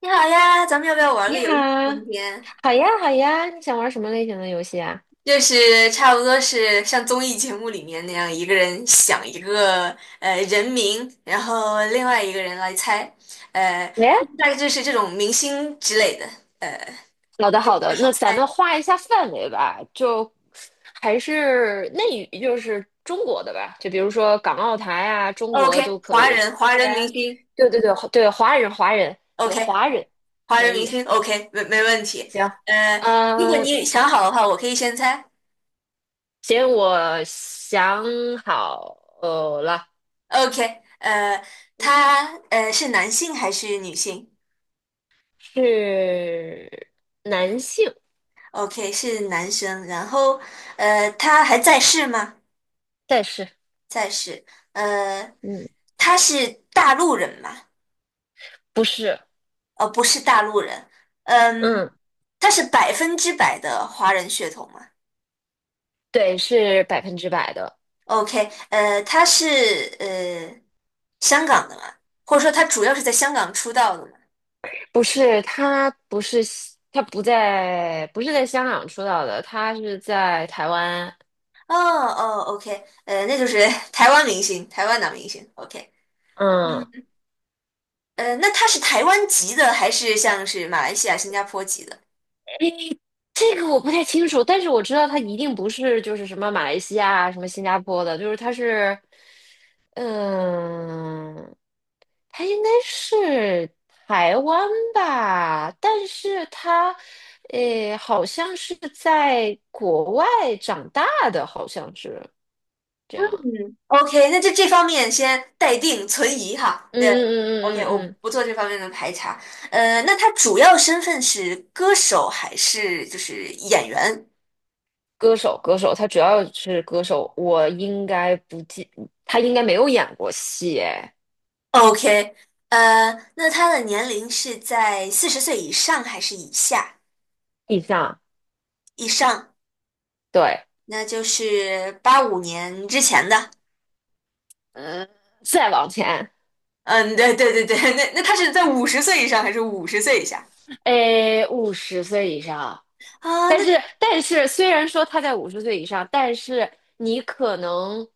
你好呀，咱们要不要玩你个游好，戏？今天好呀，好呀，你想玩什么类型的游戏啊？就是差不多是像综艺节目里面那样，一个人想一个人名，然后另外一个人来猜，呃，喂，大概就是这种明星之类的，呃，好的，这好个比的，较好那咱猜。们画一下范围吧，就还是内娱，就是中国的吧，就比如说港澳台啊，中国 OK，都可华以。人，华不人明然，星对对对对，华人华人，对，OK，华人华可人明以，星，OK，没问题。行，呃，如果嗯，你想好的话，我可以先猜。行，我想好了。OK，他是男性还是女性？是男性。OK,是男生，然后他还在世吗？但是，在世，呃，嗯，他是大陆人吗？不是。不是大陆人，嗯，嗯。他是100%的华人血统吗对，是百分之百的。？OK,他是呃香港的吗？或者说他主要是在香港出道的吗？不是他不是西他不在不是在香港出道的，他是在台湾。哦哦，OK,那就是 台湾明星，台湾男明星，OK,嗯，嗯，那他是台湾籍的还是像是马来西亚、新加坡籍的？诶，这个我不太清楚，但是我知道他一定不是就是什么马来西亚、什么新加坡的，就是他是，嗯，他应该是台湾吧。但是他，诶，好像是在国外长大的，好像是。这样。嗯，OK,那就这方面先待定存疑哈。嗯对嗯，OK,嗯嗯我嗯，嗯不做这方面的排查。那他主要身份是歌手还是就是演员歌手歌手，他主要是歌手，我应该不记，他应该没有演过戏哎。？OK,那他的年龄是在40岁以上还是以下？以上，以上，对。那就是85年之前的。嗯，再往前。嗯，对对对对，那他是在五十岁以上还是五十岁以下？诶，五十岁以上。啊，但那是但是虽然说他在五十岁以上，但是你可能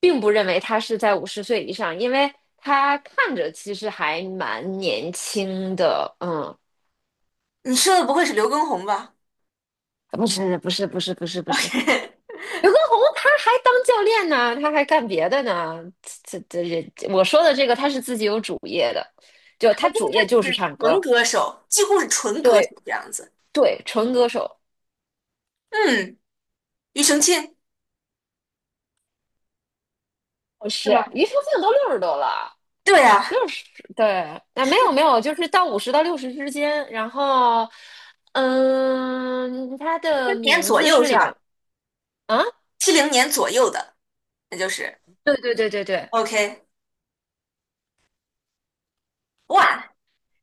并不认为他是在五十岁以上，因为他看着其实还蛮年轻的，嗯。你说的不会是刘畊宏吧不是不是不是不是不是，？OK 刘畊宏他还当教练呢，他还干别的呢。这这这，我说的这个他是自己有主业的，就他主业就是是唱纯歌。歌手，几乎是纯歌手对这样子。对，纯歌手。嗯，庾澄庆是是，吗？庾澄庆都60多了。对啊，六十，对。啊没有没有，就是到50到60之间。然后，嗯，他七的零年名左字右是是两吧？啊。七零年左右的，那就是 对对对对对。OK。哇，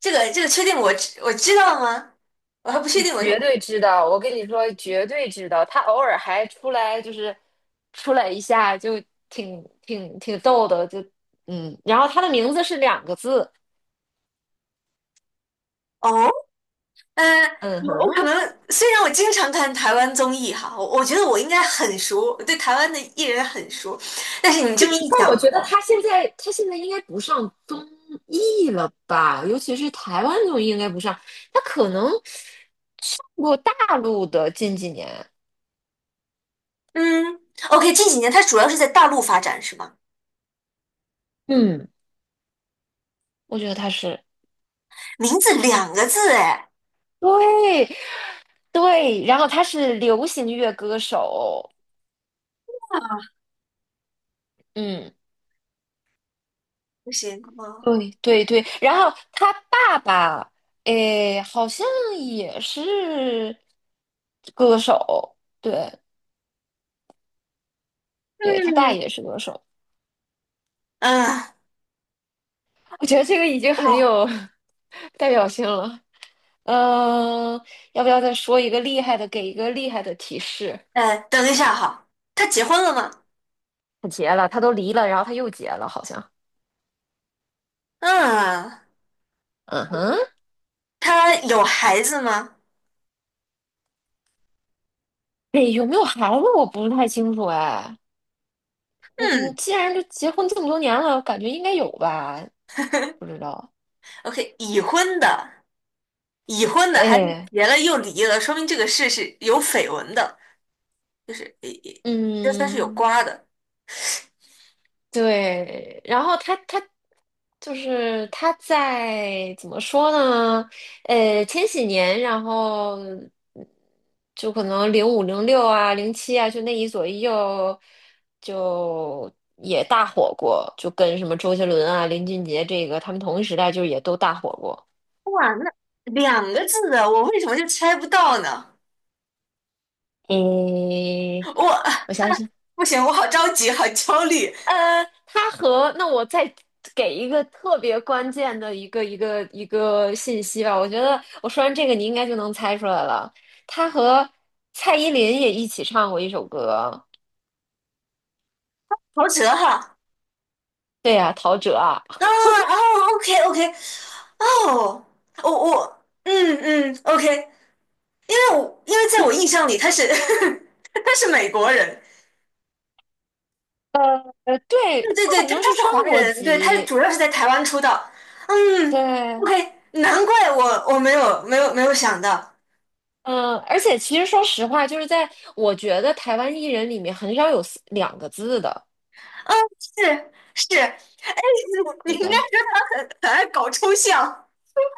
这个确定我知道吗？我还不确你定我，绝对知道，我跟你说，绝对知道。他偶尔还出来，就是出来一下，就挺逗的，就。然后他的名字是两个字。哦，嗯、嗯我可哼。能虽然我经常看台湾综艺哈，我觉得我应该很熟，我对台湾的艺人很熟，但是你这么一但讲，我觉得哦，他现在应该不上综艺了吧？尤其是台湾综艺应该不上，他可能我大陆的近几年。嗯，OK,近几年他主要是在大陆发展是吗？嗯，我觉得他是名字两个字哎，对对，然后他是流行乐歌手。嗯。不行，哦对对对，然后他爸爸，诶，好像也是歌手。对对，他爸也嗯，是歌手。哦我觉得这个已经很哇，有 代表性了。嗯、要不要再说一个厉害的，给一个厉害的提示？哎，等一下哈，他结婚了吗？他结了，他都离了，然后他又结了，好像。嗯，嗯哼。他有孩子吗？诶，有没有孩子我不是太清楚哎。嗯，嗯既然都结婚这么多年了，感觉应该有吧？不知道。，OK,已婚的，已婚的还是哎。结了又离了，说明这个事是有绯闻的，就是诶，诶这算是有嗯，瓜的。对，然后他就是他在怎么说呢？千禧年，然后就可能05、06啊、07啊，就那一左一右就也大火过，就跟什么周杰伦啊、林俊杰这个他们同一时代，就也都大火过。哇，那两个字的，我为什么就猜不到呢？嗯，我我想诶，不行，我好着急，好焦虑，他和那我再给一个特别关键的一个信息吧，我觉得我说完这个你应该就能猜出来了。他和蔡依林也一起唱过一首歌。陶喆哈。对呀、陶喆啊。啊哦，OK OK,哦，我我OK,因为在我印象里他是 他是美国人，对，对对他对，好他像是是双华国人，对，他籍。主要是在台湾出道。嗯对，，OK,难怪我没有想到，嗯，而且其实说实话，就是在我觉得台湾艺人里面很少有两个字的，嗯，是是，哎，你应对该吧？说他很爱搞抽象，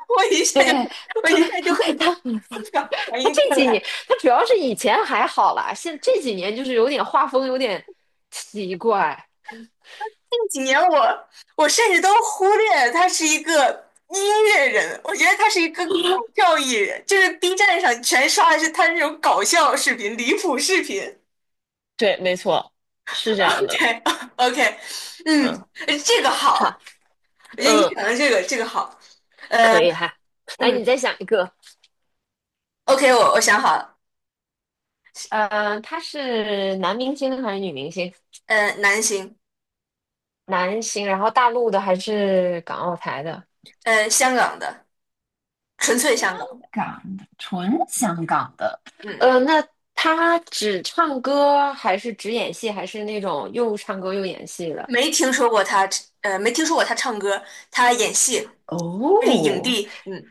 我一下就对，我 一下就会 他 反 他应这过几年，来。他主要是以前还好啦，这几年就是有点画风有点奇怪。近几年我甚至都忽略他是一个音乐人，我觉得他是一个搞笑艺人，就是 B 站上全刷的是他那种搞笑视频、离谱视频。对，没错，是这 样的。OK OK,嗯，嗯，这个好，好，我觉得嗯，你讲的这个好，呃可以哈。嗯来，你再想一个。，OK,我想好了，他是男明星还是女明星？男星，男星，然后大陆的还是港澳台的？香港的，纯粹香香港，港的，纯香港的。嗯，那他只唱歌还是只演戏，还是那种又唱歌又演戏的？没听说过他，没听说过他唱歌，他演戏，他是影哦。帝，嗯，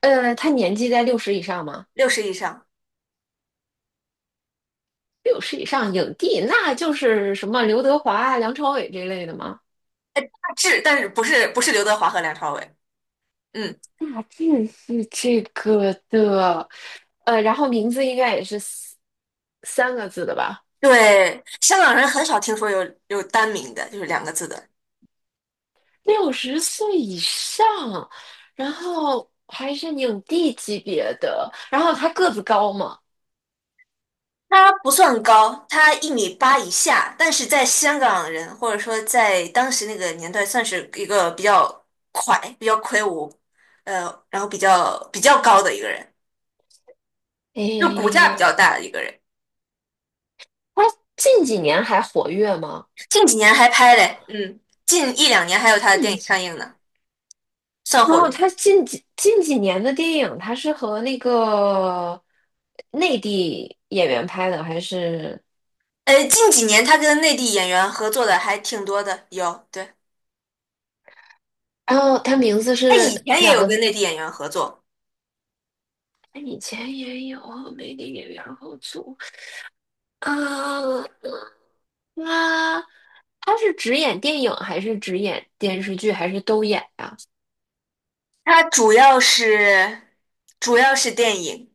他年纪在六十以上吗？60以上。六十以上影帝，那就是什么刘德华啊、梁朝伟这类的吗？志，但是不是刘德华和梁朝伟？嗯，大致是这个的。然后名字应该也是三个字的吧？对，香港人很少听说有单名的，就是两个字的。60岁以上，然后还是影帝级别的，然后他个子高吗？他不算高，他1米8以下，但是在香港人或者说在当时那个年代，算是一个比较快、比较魁梧，呃，然后比较高的一个人。就骨架比诶，较大的一个人。他近几年还活跃吗？近几年还拍嘞，嗯，近一两年还有他的电影上映呢，算然活后跃。他近几年的电影，他是和那个内地演员拍的，还是？近几年他跟内地演员合作的还挺多的，有，对，然后他名字他是以前也两有个跟字。内地演员合作，哎，以前也有和内地演员合作。啊，他他是只演电影，还是只演电视剧，还是都演呀、他主要是主要是电影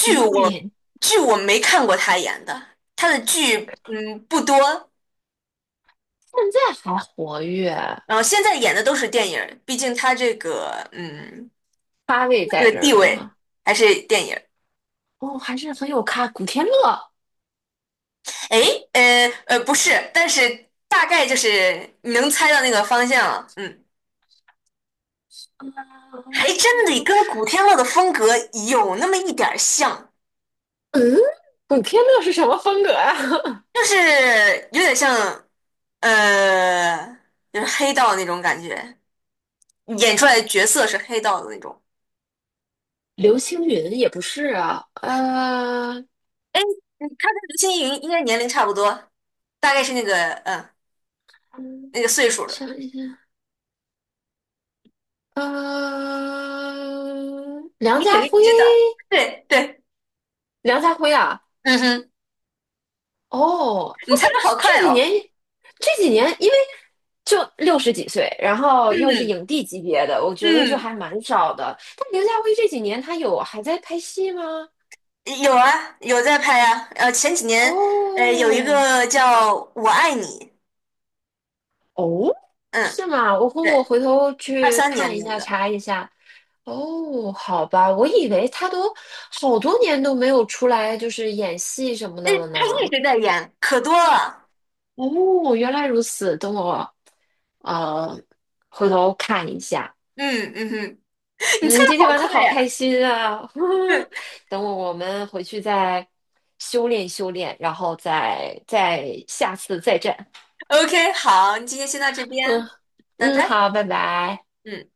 主要我，演，剧我没看过他演的，他的剧不多，现在还活跃，然后现在演的都是电影儿，毕竟他这个嗯咖位在这个这地儿呢位哈。还是电影儿。哦，还是很有咖，古天乐。诶，不是，但是大概就是你能猜到那个方向了，嗯，还真得跟古天乐的风格有那么一点儿像。嗯，古天乐是什么风格啊？就是有点像，呃，就是黑道那种感觉，演出来的角色是黑道的那种。刘青云也不是啊。哎，他跟刘青云应该年龄差不多，大概是那个嗯嗯那个岁数的，想一下。梁你肯家辉。定知道。对对，梁家辉啊，嗯哼，哦，他你猜的好这快几哦。年，这几年因为就60几岁，然后又是嗯影帝级别的，我觉得就嗯，还蛮少的。但梁家辉这几年他有还在拍戏吗？有啊，有在拍啊。前几年有一哦。个叫《我爱你》，哦，嗯，是吗？我回我对，回头二去三看年一那下，个，查一下。哦，好吧，我以为他都好多年都没有出来，就是演戏什么哎，的了他一呢。直在演，可多了。哦，原来如此，等我呃回头看一下。嗯嗯哼。你猜嗯，今的天好玩的快好开呀！心啊！对我们回去再修炼修炼，然后再下次再战。，OK,好，你今天先到这边，嗯拜嗯，拜。好，拜拜。嗯。